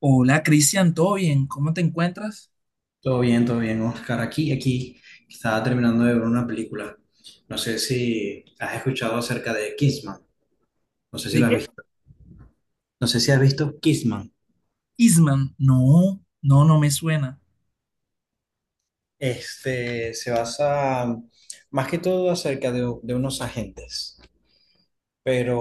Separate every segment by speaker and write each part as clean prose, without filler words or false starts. Speaker 1: Hola Cristian, ¿todo bien? ¿Cómo te encuentras?
Speaker 2: Todo bien, Oscar. Aquí, aquí, estaba terminando de ver una película. No sé si has escuchado acerca de Kissman. No sé si
Speaker 1: ¿De
Speaker 2: lo has
Speaker 1: qué?
Speaker 2: visto. No sé si has visto Kissman.
Speaker 1: Isman, no, no, no me suena.
Speaker 2: Este se basa más que todo acerca de unos agentes, pero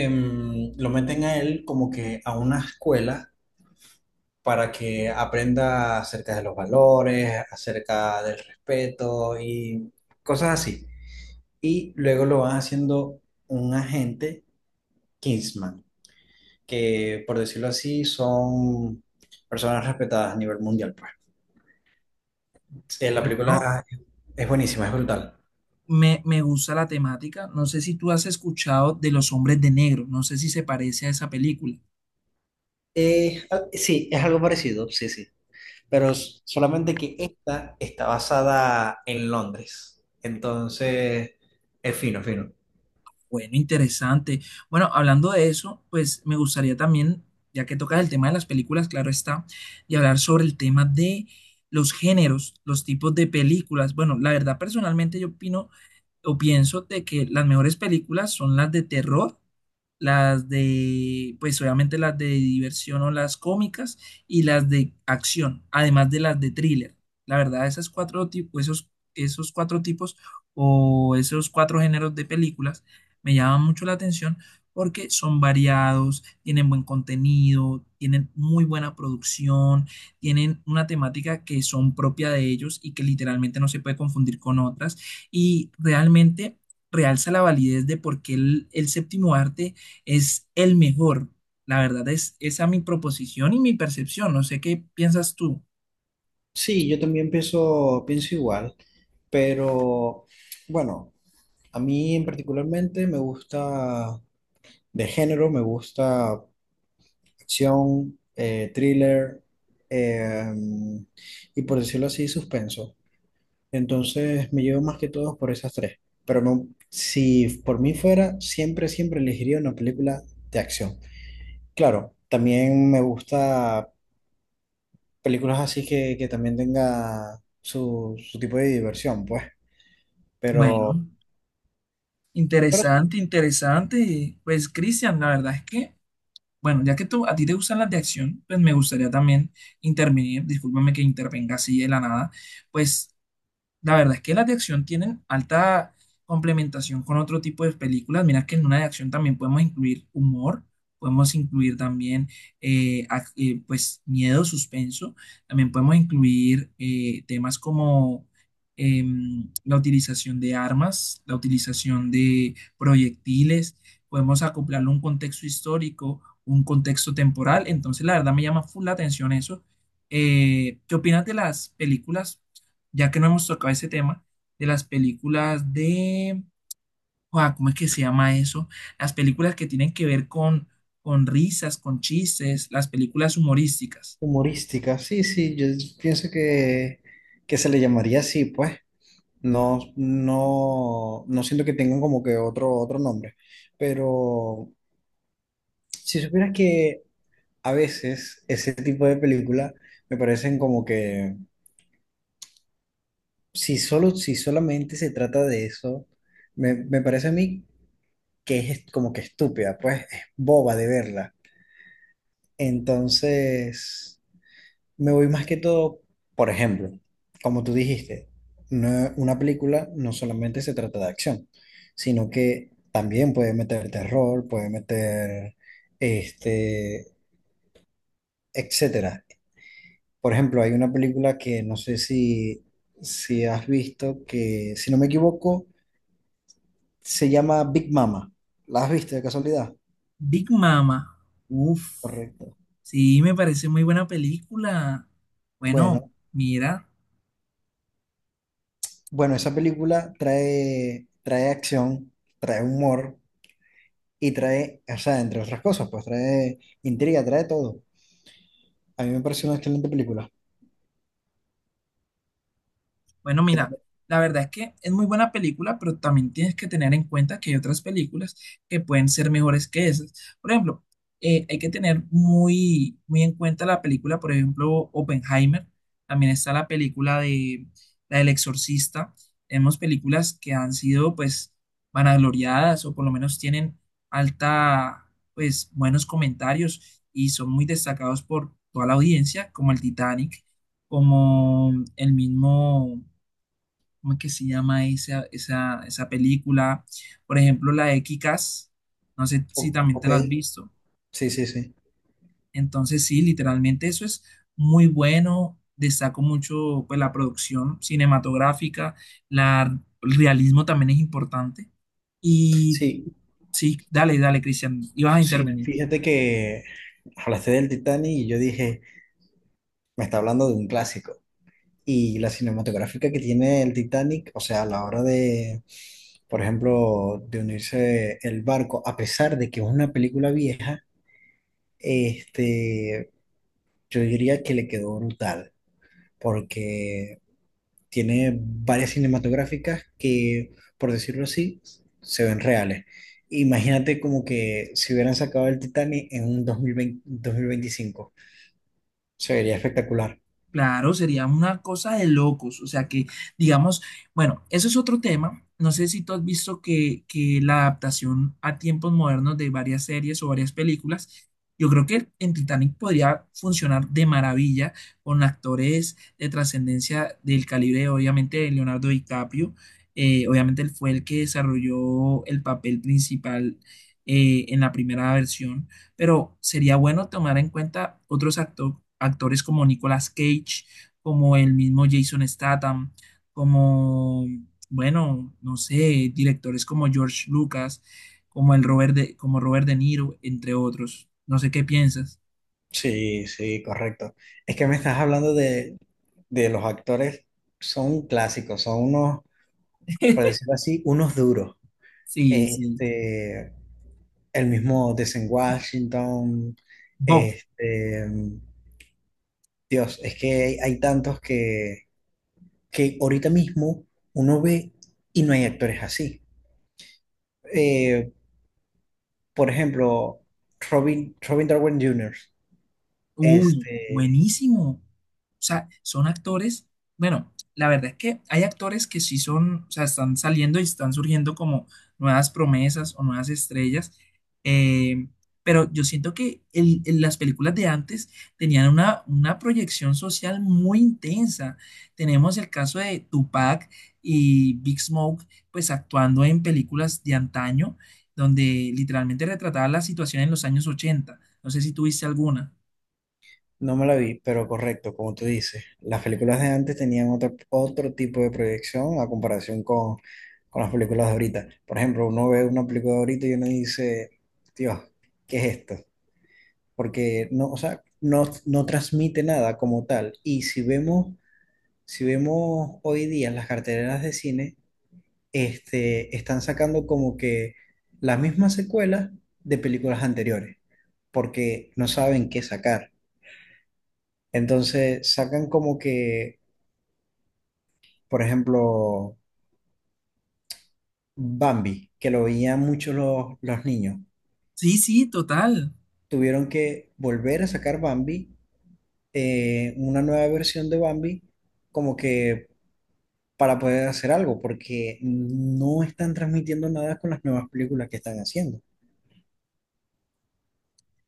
Speaker 2: lo meten a él como que a una escuela para que aprenda acerca de los valores, acerca del respeto y cosas así. Y luego lo van haciendo un agente Kingsman, que por decirlo así son personas respetadas a nivel mundial, pues. La
Speaker 1: Bueno, no,
Speaker 2: película es buenísima, es brutal.
Speaker 1: me gusta la temática. No sé si tú has escuchado de Los Hombres de Negro, no sé si se parece a esa película.
Speaker 2: Ah, sí, es algo parecido, sí, sí. Pero solamente que esta está basada en Londres. Entonces, es fino, fino.
Speaker 1: Bueno, interesante. Bueno, hablando de eso, pues me gustaría también, ya que tocas el tema de las películas, claro está, y hablar sobre el tema de los géneros, los tipos de películas. Bueno, la verdad, personalmente yo opino o pienso de que las mejores películas son las de terror, las de, pues obviamente las de diversión o las cómicas y las de acción, además de las de thriller. La verdad, esas cuatro tipos, esos cuatro tipos esos cuatro géneros de películas me llaman mucho la atención porque son variados, tienen buen contenido, tienen muy buena producción, tienen una temática que son propia de ellos y que literalmente no se puede confundir con otras y realmente realza la validez de por qué el séptimo arte es el mejor. La verdad es esa mi proposición y mi percepción. No sé qué piensas tú.
Speaker 2: Sí, yo también pienso, pienso igual, pero bueno, a mí en particularmente me gusta de género, me gusta acción, thriller eh, y por decirlo así, suspenso. Entonces me llevo más que todo por esas tres. Pero no, si por mí fuera, siempre, siempre elegiría una película de acción. Claro, también me gusta películas así que también tenga su, su tipo de diversión, pues. Pero,
Speaker 1: Bueno,
Speaker 2: pero
Speaker 1: interesante, interesante. Pues Cristian, la verdad es que, bueno, ya que tú, a ti te gustan las de acción, pues me gustaría también intervenir. Discúlpame que intervenga así de la nada. Pues la verdad es que las de acción tienen alta complementación con otro tipo de películas. Mira que en una de acción también podemos incluir humor, podemos incluir también pues miedo, suspenso, también podemos incluir temas como la utilización de armas, la utilización de proyectiles, podemos acoplarlo a un contexto histórico, un contexto temporal. Entonces, la verdad me llama full la atención eso. ¿Qué opinas de las películas? Ya que no hemos tocado ese tema, de las películas de, Joa, ¿cómo es que se llama eso? Las películas que tienen que ver con risas, con chistes, las películas humorísticas.
Speaker 2: humorística, sí, sí, yo pienso que se le llamaría así, pues. No, no, no siento que tengan como que otro nombre. Pero si supieras que a veces ese tipo de películas me parecen como que si solamente se trata de eso, me parece a mí que es como que estúpida, pues es boba de verla. Entonces. Me voy más que todo, por ejemplo, como tú dijiste, una película no solamente se trata de acción, sino que también puede meter terror, puede meter, este, etcétera. Por ejemplo, hay una película que no sé si has visto, que si no me equivoco, se llama Big Mama. ¿La has visto de casualidad?
Speaker 1: Big Mama, uff,
Speaker 2: Correcto.
Speaker 1: sí, me parece muy buena película. Bueno,
Speaker 2: Bueno,
Speaker 1: mira.
Speaker 2: bueno, esa película trae acción, trae humor y trae, o sea, entre otras cosas, pues trae intriga, trae todo. A mí me parece una excelente película.
Speaker 1: Bueno,
Speaker 2: ¿Qué te-
Speaker 1: mira, la verdad es que es muy buena película, pero también tienes que tener en cuenta que hay otras películas que pueden ser mejores que esas. Por ejemplo, hay que tener muy, muy en cuenta la película, por ejemplo, Oppenheimer. También está la película de la del Exorcista. Tenemos películas que han sido, pues, vanagloriadas o por lo menos tienen alta, pues, buenos comentarios y son muy destacados por toda la audiencia, como el Titanic, como el mismo. ¿Cómo es que se llama esa película? Por ejemplo, la de Kikas, no sé si también te
Speaker 2: ok,
Speaker 1: la has visto.
Speaker 2: sí, sí, sí.
Speaker 1: Entonces, sí, literalmente eso es muy bueno. Destaco mucho pues, la producción cinematográfica, la, el realismo también es importante. Y
Speaker 2: Sí,
Speaker 1: sí, dale, dale, Cristian, ibas a
Speaker 2: sí,
Speaker 1: intervenir.
Speaker 2: fíjate que hablaste del Titanic y yo dije, me está hablando de un clásico. Y la cinematográfica que tiene el Titanic, o sea, a la hora de, por ejemplo, de unirse el barco, a pesar de que es una película vieja, este, yo diría que le quedó brutal, porque tiene varias cinematográficas que, por decirlo así, se ven reales. Imagínate como que si hubieran sacado el Titanic en un 2020 2025, se vería espectacular.
Speaker 1: Claro, sería una cosa de locos. O sea que, digamos, bueno, eso es otro tema. No sé si tú has visto que la adaptación a tiempos modernos de varias series o varias películas, yo creo que en Titanic podría funcionar de maravilla con actores de trascendencia del calibre, obviamente, de Leonardo DiCaprio. Obviamente él fue el que desarrolló el papel principal en la primera versión, pero sería bueno tomar en cuenta otros actores como Nicolas Cage, como el mismo Jason Statham, como, bueno, no sé, directores como George Lucas, como el como Robert De Niro, entre otros. No sé qué piensas.
Speaker 2: Sí, sí, correcto. Es que me estás hablando de los actores, son clásicos, son unos, por decirlo así, unos duros.
Speaker 1: Sí, sí.
Speaker 2: Este, el mismo Denzel Washington, este, Dios, es que hay tantos que ahorita mismo uno ve y no hay actores así. Eh, por ejemplo, Robin Darwin Jr.,
Speaker 1: Uy,
Speaker 2: este,
Speaker 1: buenísimo. O sea, son actores. Bueno, la verdad es que hay actores que sí son, o sea, están saliendo y están surgiendo como nuevas promesas o nuevas estrellas. eh, pero yo siento que las películas de antes tenían una proyección social muy intensa. Tenemos el caso de Tupac y Big Smoke, pues actuando en películas de antaño, donde literalmente retrataban la situación en los años 80. No sé si tuviste alguna.
Speaker 2: no me la vi, pero correcto, como tú dices. Las películas de antes tenían otro tipo de proyección a comparación con las películas de ahorita. Por ejemplo, uno ve una película de ahorita y uno dice, Dios, ¿qué es esto? Porque no, o sea, no transmite nada como tal. Y si vemos, si vemos hoy día las carteleras de cine, este, están sacando como que las mismas secuelas de películas anteriores, porque no saben qué sacar. Entonces sacan como que, por ejemplo, Bambi, que lo veían muchos los niños,
Speaker 1: Sí, sí, total.
Speaker 2: tuvieron que volver a sacar Bambi, una nueva versión de Bambi, como que para poder hacer algo, porque no están transmitiendo nada con las nuevas películas que están haciendo.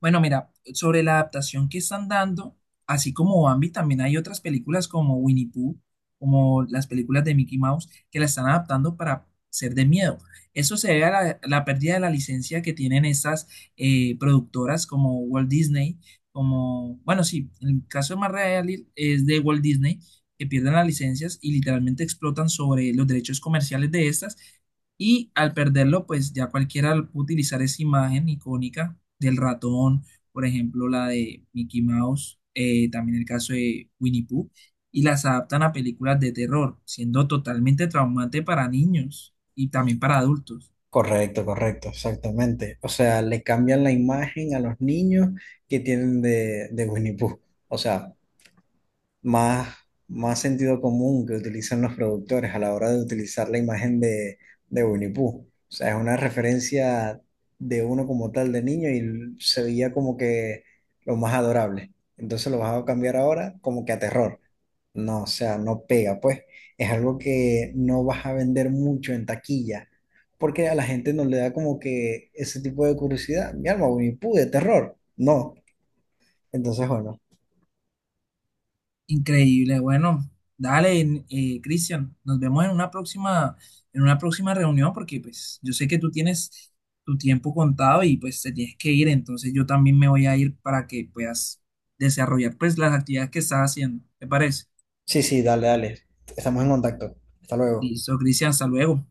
Speaker 1: Bueno, mira, sobre la adaptación que están dando, así como Bambi, también hay otras películas como Winnie Pooh, como las películas de Mickey Mouse, que la están adaptando para ser de miedo. Eso se debe a la pérdida de la licencia que tienen estas productoras como Walt Disney, como, bueno, sí, el caso más real es de Walt Disney, que pierden las licencias y literalmente explotan sobre los derechos comerciales de estas. Y al perderlo, pues ya cualquiera puede utilizar esa imagen icónica del ratón, por ejemplo, la de Mickey Mouse, también el caso de Winnie Pooh, y las adaptan a películas de terror, siendo totalmente traumante para niños y también para adultos.
Speaker 2: Correcto, correcto, exactamente. O sea, le cambian la imagen a los niños que tienen de Winnie Pooh. O sea, más, más sentido común que utilizan los productores a la hora de utilizar la imagen de Winnie Pooh. O sea, es una referencia de uno como tal de niño y se veía como que lo más adorable. Entonces lo vas a cambiar ahora como que a terror. No, o sea, no pega, pues. Es algo que no vas a vender mucho en taquilla, porque a la gente no le da como que ese tipo de curiosidad. Mi alma, Winnie Pooh de terror. No. Entonces, bueno.
Speaker 1: Increíble, bueno, dale, Cristian, nos vemos en una próxima reunión porque pues yo sé que tú tienes tu tiempo contado y pues te tienes que ir, entonces yo también me voy a ir para que puedas desarrollar pues las actividades que estás haciendo, ¿te parece?
Speaker 2: Sí, sí, dale, dale. Estamos en contacto. Hasta luego.
Speaker 1: Listo, Cristian, hasta luego.